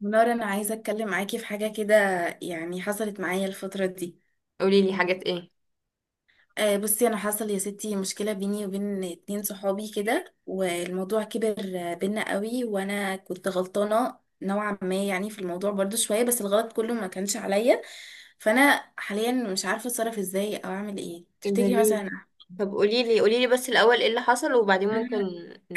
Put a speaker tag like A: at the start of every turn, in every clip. A: منار، انا عايزه اتكلم معاكي في حاجه كده. يعني حصلت معايا الفتره دي.
B: قولي لي حاجات ايه.
A: آه بصي، انا حصل يا ستي مشكله بيني وبين اتنين صحابي كده، والموضوع كبر بينا قوي. وانا كنت غلطانه نوعا ما يعني في الموضوع برضو شويه، بس الغلط كله ما كانش عليا. فانا حاليا مش عارفه اتصرف ازاي او اعمل ايه،
B: ايه ده
A: تفتكري
B: ليه؟
A: مثلا؟
B: طب قولي لي بس الاول ايه اللي حصل، وبعدين ممكن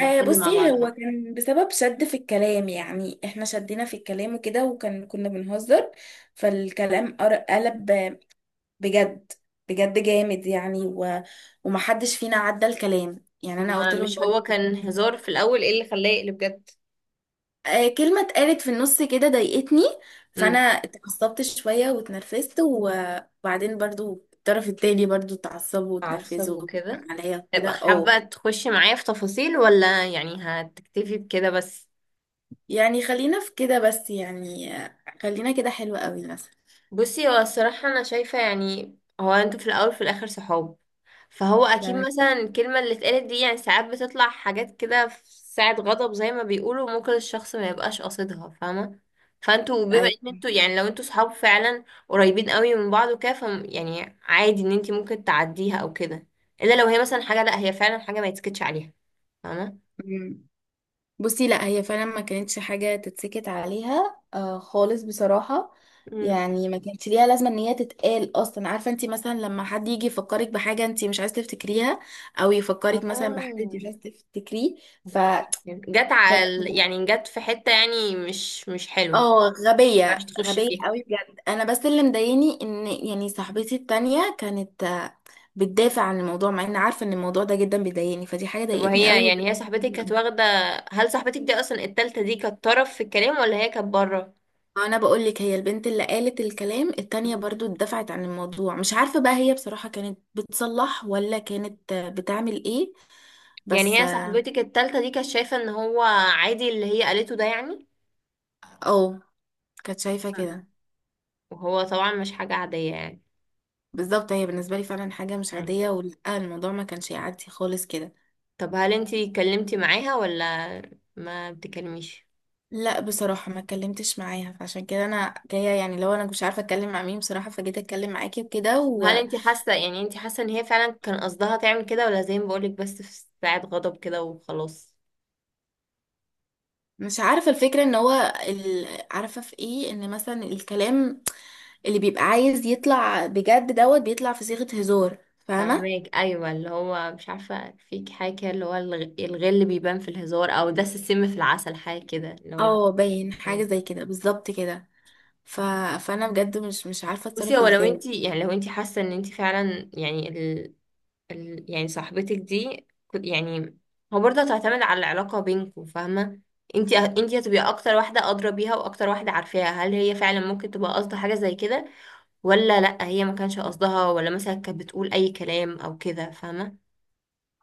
A: آه
B: مع
A: بصي،
B: بعض
A: هو
B: يعني.
A: كان بسبب شد في الكلام. يعني احنا شدينا في الكلام وكده، وكان كنا بنهزر. فالكلام قلب بجد. بجد جامد يعني ومحدش فينا عدى الكلام. يعني
B: طب
A: انا
B: ما
A: قلت لهم
B: مش
A: برضه.
B: هو كان هزار في الاول؟ ايه اللي خلاه يقلب جد؟
A: آه، كلمة اتقالت في النص كده ضايقتني. فانا
B: امم
A: اتعصبت شوية واتنرفزت وبعدين برضو الطرف التاني اتعصبوا
B: عصب
A: واتنرفزوا
B: وكده.
A: عليا وكده،
B: ابقى
A: اه.
B: حابة تخشي معايا في تفاصيل، ولا يعني هتكتفي بكده بس؟
A: يعني خلينا في كده بس، يعني خلينا كده حلوة قوي مثلا.
B: بصي، هو الصراحة أنا شايفة يعني، هو انتوا في الأول في الآخر صحاب، فهو أكيد
A: تمام.
B: مثلا الكلمة اللي اتقالت دي يعني ساعات بتطلع حاجات كده في ساعة غضب، زي ما بيقولوا، ممكن الشخص ما يبقاش قاصدها، فاهمة؟ فانتوا بما ان انتوا يعني، لو انتوا صحاب فعلا قريبين قوي من بعض وكده، ف يعني عادي ان انتي ممكن تعديها او كده. الا لو هي مثلا حاجة، لا هي فعلا حاجة ما يتسكتش عليها، فاهمة؟
A: ايوه بصي، لا هي فعلا ما كانتش حاجة تتسكت عليها آه خالص، بصراحة.
B: مم.
A: يعني ما كانتش ليها لازمة ان هي تتقال اصلا. عارفة انت مثلا لما حد يجي يفكرك بحاجة انت مش عايزة تفتكريها، او يفكرك مثلا بحد انت مش
B: اه
A: عايزة تفتكريه.
B: اوكي،
A: فكانت
B: يعني جت في حتة يعني مش حلوة.
A: اه، غبية
B: عرفتي تخشي
A: غبية
B: فيها؟
A: قوي بجد. انا بس اللي مضايقني ان يعني صاحبتي التانية كانت بتدافع عن الموضوع، مع ان عارفة ان الموضوع ده جدا بيضايقني. فدي حاجة
B: طب
A: ضايقتني قوي
B: وهي
A: وده.
B: يعني، هي صاحبتك كانت واخدة، هل صاحبتك دي أصلا، التالتة دي، كانت طرف في الكلام، ولا هي كانت بره؟
A: انا بقول لك، هي البنت اللي قالت الكلام التانية برضو اتدفعت عن الموضوع. مش عارفة بقى هي بصراحة كانت بتصلح ولا كانت بتعمل ايه،
B: يعني
A: بس.
B: هي صاحبتك التالتة دي كانت شايفة ان هو عادي اللي هي قالته ده يعني؟
A: اه كانت شايفة
B: مم.
A: كده.
B: وهو طبعا مش حاجة عادية يعني.
A: بالظبط، هي بالنسبة لي فعلا حاجة مش
B: مم.
A: عادية، ولا الموضوع ما كانش يعدي خالص كده.
B: طب هل انتي اتكلمتي معاها ولا ما بتكلميش؟
A: لا بصراحة ما اتكلمتش معاها، فعشان كده انا جاية. يعني لو انا مش عارفة اتكلم مع مين بصراحة، فجيت اتكلم معاكي وكده.
B: هل انتي حاسة يعني، انتي حاسة ان هي فعلا كان قصدها تعمل كده، ولا زي ما بقولك بس في ساعة غضب كده وخلاص؟
A: مش عارفة، الفكرة ان هو عارفة في ايه، ان مثلا الكلام اللي بيبقى عايز يطلع بجد دوت بيطلع في صيغة هزار، فاهمة؟
B: فاهمك. ايوه، اللي هو مش عارفه فيك حاجه كده، اللي هو الغل بيبان في الهزار، او دس السم في العسل، حاجه كده اللي هو.
A: اه باين حاجة زي كده بالظبط كده. ف... فانا بجد مش عارفة
B: بصي،
A: اتصرف
B: هو لو
A: ازاي.
B: انت يعني، لو انت حاسه ان انت فعلا يعني ال... ال... يعني صاحبتك دي يعني، هو برضه هتعتمد على العلاقه بينكم، فاهمه؟ انت هتبقي اكتر واحده ادرى بيها واكتر واحده عارفاها، هل هي فعلا ممكن تبقى قصدها حاجه زي كده، ولا لا هي ما كانش قصدها، ولا مثلا كانت بتقول اي كلام او كده، فاهمه؟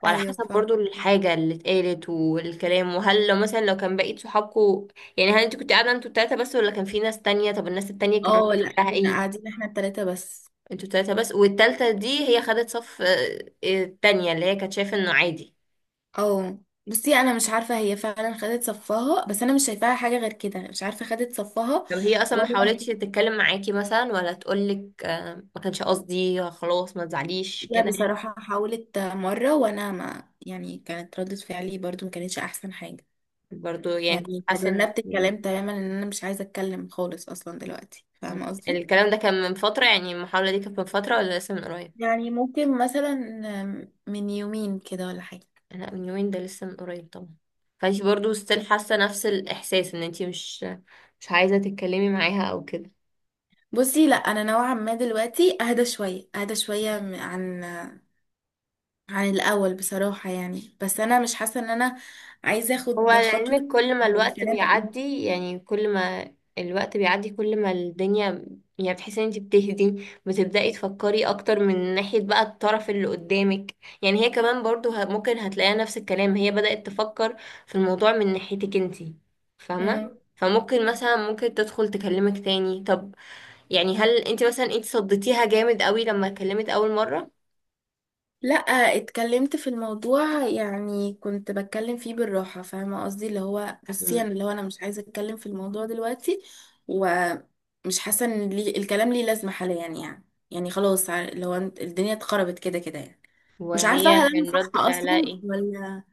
B: وعلى
A: ايوه
B: حسب
A: فاهم.
B: برضو الحاجة اللي اتقالت والكلام، وهل لو مثلا لو كان بقية صحابكم، يعني هل انت كنت قاعدة انتوا التلاتة بس، ولا كان في ناس تانية؟ طب الناس التانية كان
A: اه
B: رد
A: لا،
B: فعلها
A: كنا
B: ايه؟
A: قاعدين احنا التلاتة بس.
B: انتوا التلاتة بس، والتالتة دي هي خدت صف التانية، اللي هي كانت شايفة انه عادي.
A: اه بصي، انا مش عارفة هي فعلا خدت صفها، بس انا مش شايفاها حاجة غير كده. مش عارفة خدت صفها
B: طب هي اصلا ما
A: ولا.
B: حاولتش تتكلم معاكي مثلا، ولا تقولك ما كانش قصدي، خلاص ما تزعليش
A: لا
B: كده يعني؟
A: بصراحة، حاولت مرة وأنا ما يعني كانت ردة فعلي برضو ما كانتش أحسن حاجة.
B: برضو يعني كنت
A: يعني
B: حاسة ان
A: تجنبت الكلام تماما إن أنا مش عايزة أتكلم خالص أصلا دلوقتي، فاهمة قصدي؟
B: الكلام ده كان من فترة؟ يعني المحاولة دي كانت من فترة، ولا لسه من قريب؟
A: يعني ممكن مثلا من يومين كده ولا حاجة.
B: لا من يومين ده، لسه من قريب طبعا. فانتي برضو ستيل حاسه نفس الاحساس، ان انتي مش عايزه تتكلمي معاها او كده؟
A: بصي لا، أنا نوعا ما دلوقتي أهدى شوية أهدى شوية عن الأول بصراحة يعني، بس أنا مش حاسة إن أنا عايزة
B: هو
A: أخد خطوة
B: لعلمك كل ما الوقت
A: الكلام.
B: بيعدي، يعني كل ما الوقت بيعدي، كل ما الدنيا يعني بتحسي ان انتي بتهدي، بتبدأي تفكري اكتر من ناحية بقى الطرف اللي قدامك، يعني هي كمان برضو ممكن هتلاقيها نفس الكلام، هي بدأت تفكر في الموضوع من ناحيتك انتي، فاهمة؟ فممكن مثلا ممكن تدخل تكلمك تاني. طب يعني هل انت مثلا، انت صدتيها جامد قوي لما اتكلمت اول مرة؟
A: لا اتكلمت في الموضوع، يعني كنت بتكلم فيه بالراحة. فاهمة قصدي اللي هو بصي
B: مم.
A: انا اللي هو انا مش عايزة اتكلم في الموضوع دلوقتي. ومش حاسة ان لي الكلام ليه لازمة حاليا يعني. خلاص اللي هو الدنيا اتخربت كده كده يعني. مش عارفة
B: وهي
A: هل انا
B: كان
A: صح
B: رد فعلها
A: اصلا
B: ايه؟
A: ولا.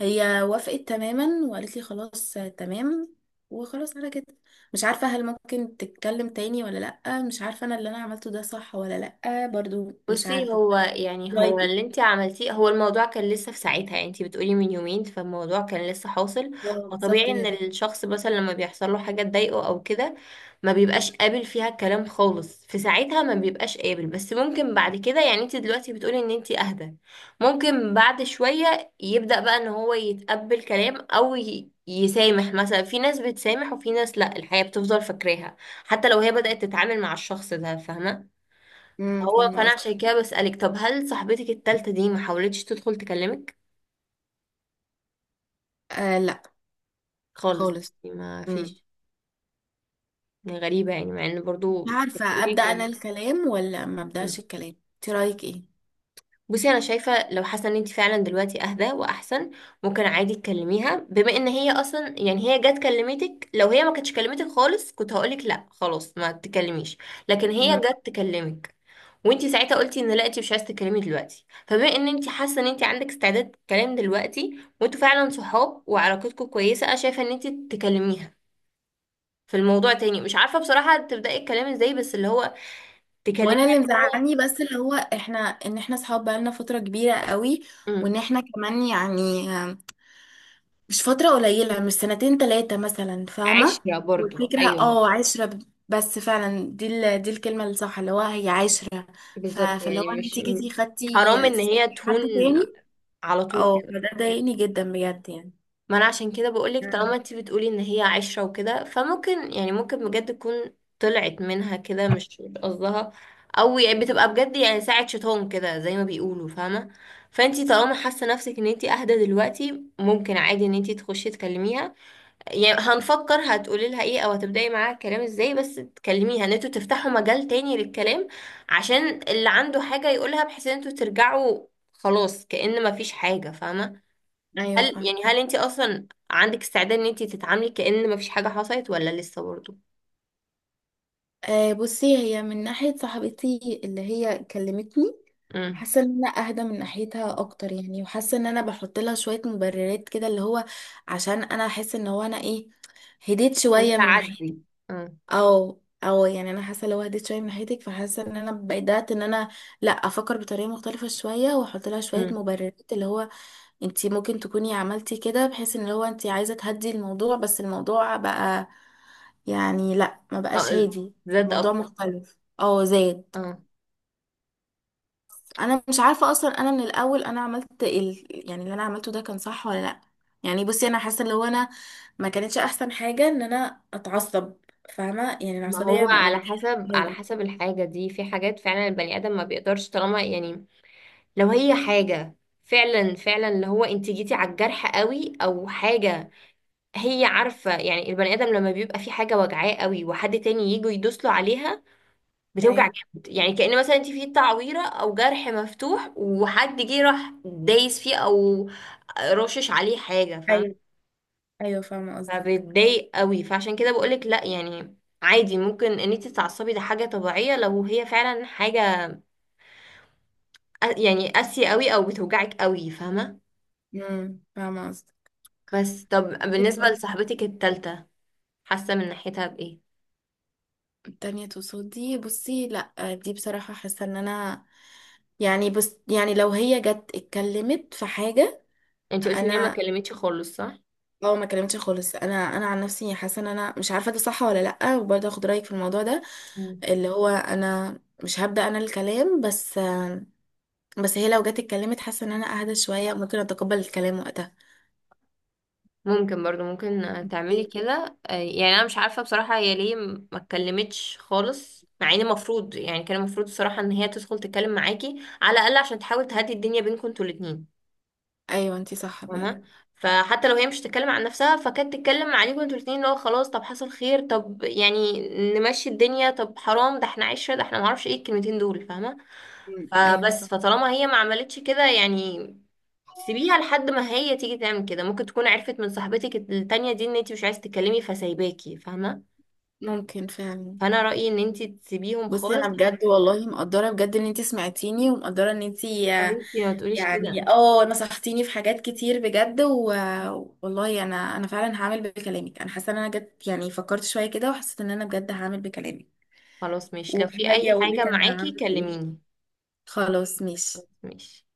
A: هي وافقت تماما وقالت لي خلاص تمام، وخلاص على كده. مش عارفة هل ممكن تتكلم تاني ولا لأ، مش عارفة انا اللي انا عملته ده صح ولا لأ، برضو مش
B: بصي،
A: عارفة.
B: هو يعني، هو
A: رايك إيه؟
B: اللي انت عملتيه، هو الموضوع كان لسه في ساعتها، يعني انت بتقولي من يومين، فالموضوع كان لسه حاصل.
A: اه
B: فطبيعي
A: بالظبط
B: ان
A: كده.
B: الشخص مثلا لما بيحصل له حاجه تضايقه او كده ما بيبقاش قابل فيها الكلام خالص في ساعتها، ما بيبقاش قابل، بس ممكن بعد كده يعني، انت دلوقتي بتقولي ان انت اهدى، ممكن بعد شويه يبدأ بقى ان هو يتقبل كلام، او يسامح. مثلا في ناس بتسامح، وفي ناس لا، الحياه بتفضل فاكراها حتى لو هي بدأت تتعامل مع الشخص ده، فاهمه؟
A: امم،
B: هو
A: فاهمة
B: فانا
A: قصدك.
B: عشان كده بسألك، طب هل صاحبتك التالتة دي ما حاولتش تدخل تكلمك
A: آه لا،
B: خالص؟
A: خالص.
B: يعني ما
A: امم،
B: فيش يعني؟ غريبة يعني، مع ان
A: مش
B: برضو
A: عارفة
B: بتقولي
A: أبدأ
B: كده.
A: أنا الكلام ولا ما أبدأش
B: مم.
A: الكلام، انت رأيك ايه؟
B: بصي، انا شايفة لو حاسة ان انت فعلا دلوقتي اهدى واحسن، ممكن عادي تكلميها، بما ان هي اصلا يعني، هي جت كلمتك. لو هي ما كانتش كلمتك خالص كنت هقولك لا خلاص ما تكلميش، لكن هي
A: مم.
B: جت تكلمك وانتي ساعتها قلتي ان لا انتي مش عايزه تتكلمي دلوقتي. فبما ان انتي حاسه ان انتي عندك استعداد تتكلمي دلوقتي، وانتوا فعلا صحاب وعلاقتكم كويسه، انا شايفه ان انتي تكلميها في الموضوع تاني. مش عارفه بصراحه تبداي الكلام ازاي، بس اللي هو تكلميها،
A: وانا اللي
B: اللي هو
A: مزعلني بس اللي هو احنا، ان احنا صحاب بقالنا فترة كبيرة قوي، وان
B: امم،
A: احنا كمان مش فترة قليلة، مش سنتين تلاتة مثلا، فاهمة.
B: عشرة برضو
A: والفكرة
B: ايوه.
A: اه عشرة بس فعلا دي دي الكلمة الصح اللي هو هي عشرة.
B: بالظبط.
A: فاللي هو
B: يعني مش
A: انت
B: م-
A: جيتي خدتي
B: حرام ان هي
A: حد
B: تهون
A: تاني.
B: على طول
A: اه
B: كده.
A: فده ضايقني جدا بجد
B: ما انا عشان كده بقولك، طالما
A: يعني.
B: انت بتقولي ان هي عشرة وكده، فممكن يعني ممكن بجد تكون طلعت منها كده مش قصدها، او يعني بتبقى بجد يعني ساعة شيطان كده زي ما بيقولوا، فاهمة؟ فانتي طالما حاسة نفسك ان انتي اهدى دلوقتي، ممكن عادي ان انتي تخشي تكلميها. يعني هنفكر هتقولي لها ايه، او هتبدأي معاها الكلام ازاي، بس تكلميها ان انتوا تفتحوا مجال تاني للكلام، عشان اللي عنده حاجة يقولها، بحيث ان انتوا ترجعوا خلاص كأن مفيش حاجة، فاهمة؟ هل
A: ايوه فاهم.
B: يعني هل انت اصلا عندك استعداد ان انت تتعاملي كأن مفيش حاجة حصلت، ولا لسه برضه؟
A: آه بصي، هي من ناحية صاحبتي اللي هي كلمتني،
B: امم.
A: حاسة ان انا اهدى من ناحيتها اكتر يعني. وحاسة ان انا بحط لها شوية مبررات كده، اللي هو عشان انا احس ان هو انا ايه، هديت
B: انت
A: شوية من ناحيتك.
B: عدي. امم.
A: او يعني انا حاسة لو هديت شوية من ناحيتك، فحاسة ان انا بدأت ان انا لا افكر بطريقة مختلفة شوية، واحط لها شوية
B: امم.
A: مبررات اللي هو انتي ممكن تكوني عملتي كده بحيث ان هو انتي عايزة تهدي الموضوع، بس الموضوع بقى يعني لا ما بقاش
B: اه
A: هادي.
B: زاد
A: الموضوع
B: اكتر.
A: مختلف، اه زاد.
B: اه.
A: انا مش عارفة اصلا، انا من الاول انا عملت يعني اللي انا عملته ده كان صح ولا لا. يعني بصي، انا حاسة اللي هو انا ما كانتش احسن حاجة ان انا اتعصب، فاهمة. يعني
B: ما
A: العصبية
B: هو
A: ما
B: على
A: بتحبش
B: حسب، على
A: هادي،
B: حسب الحاجة دي، في حاجات فعلا البني آدم ما بيقدرش، طالما يعني لو هي حاجة فعلا اللي هو انت جيتي على الجرح قوي، او حاجة هي عارفة، يعني البني آدم لما بيبقى في حاجة وجعاه قوي، وحد تاني يجي يدوس له عليها بتوجع
A: فاهم.
B: جامد. يعني كأن مثلا انت في تعويرة او جرح مفتوح، وحد جه راح دايس فيه، او رشش عليه حاجة، فاهم؟
A: ايوه ايوه فاهمة قصدك.
B: فبتضايق قوي، فعشان كده بقولك لا يعني عادي ممكن ان انت تتعصبي، ده حاجة طبيعية، لو هي فعلا حاجة يعني قاسية قوي او بتوجعك قوي، فاهمة؟
A: فاهمة
B: بس طب بالنسبة
A: قصدك
B: لصاحبتك التالتة، حاسة من ناحيتها بإيه؟
A: تانية تصدي. بصي لا، دي بصراحة حاسة ان انا يعني بس يعني لو هي جت اتكلمت في حاجة.
B: انت قلتي ان هي ما
A: انا
B: كلمتش خالص، صح؟
A: اه ما كلمتش خالص. انا عن نفسي حاسة ان انا مش عارفة ده صح ولا لا، وبرضه اخد رأيك في الموضوع ده. اللي هو انا مش هبدأ انا الكلام، بس هي لو جت اتكلمت حاسة ان انا اهدى شوية، ممكن اتقبل الكلام وقتها.
B: ممكن برضو، ممكن تعملي كده يعني انا مش عارفه بصراحه هي ليه ما اتكلمتش خالص، مع ان المفروض يعني، كان المفروض الصراحه ان هي تدخل تتكلم معاكي على الاقل عشان تحاول تهدي الدنيا بينكم انتوا الاتنين،
A: ايوه انتي صح بجد.
B: فاهمة؟ فحتى لو هي مش تتكلم عن نفسها، فكانت تتكلم عليكم انتوا الاتنين، اللي هو خلاص طب حصل خير، طب يعني نمشي الدنيا، طب حرام، ده احنا عشرة، ده احنا معرفش ايه الكلمتين دول، فاهمة؟
A: مم. ايوه
B: فبس
A: صح.
B: فطالما هي ما عملتش كده يعني، سيبيها لحد ما هي تيجي تعمل كده. ممكن تكون عرفت من صاحبتك التانية دي ان انتي مش عايزة تتكلمي، فسايباكي، فاهمة؟
A: ممكن فعلا.
B: فانا رأيي ان انتي تسيبيهم
A: بصي
B: خالص
A: انا
B: لحد.
A: بجد والله مقدره بجد ان انتي سمعتيني، ومقدره ان انتي
B: يا بنتي ما تقوليش كده.
A: يعني اه نصحتيني في حاجات كتير بجد والله انا فعلا هعمل بكلامك. انا حاسه ان انا جد، يعني فكرت شويه كده وحسيت ان انا بجد هعمل بكلامك،
B: خلاص ماشي، لو في
A: وهاجي
B: اي
A: اقول
B: حاجة
A: لك انا
B: معاكي
A: عملت ايه.
B: كلميني.
A: خلاص
B: خلاص
A: ماشي.
B: ماشي.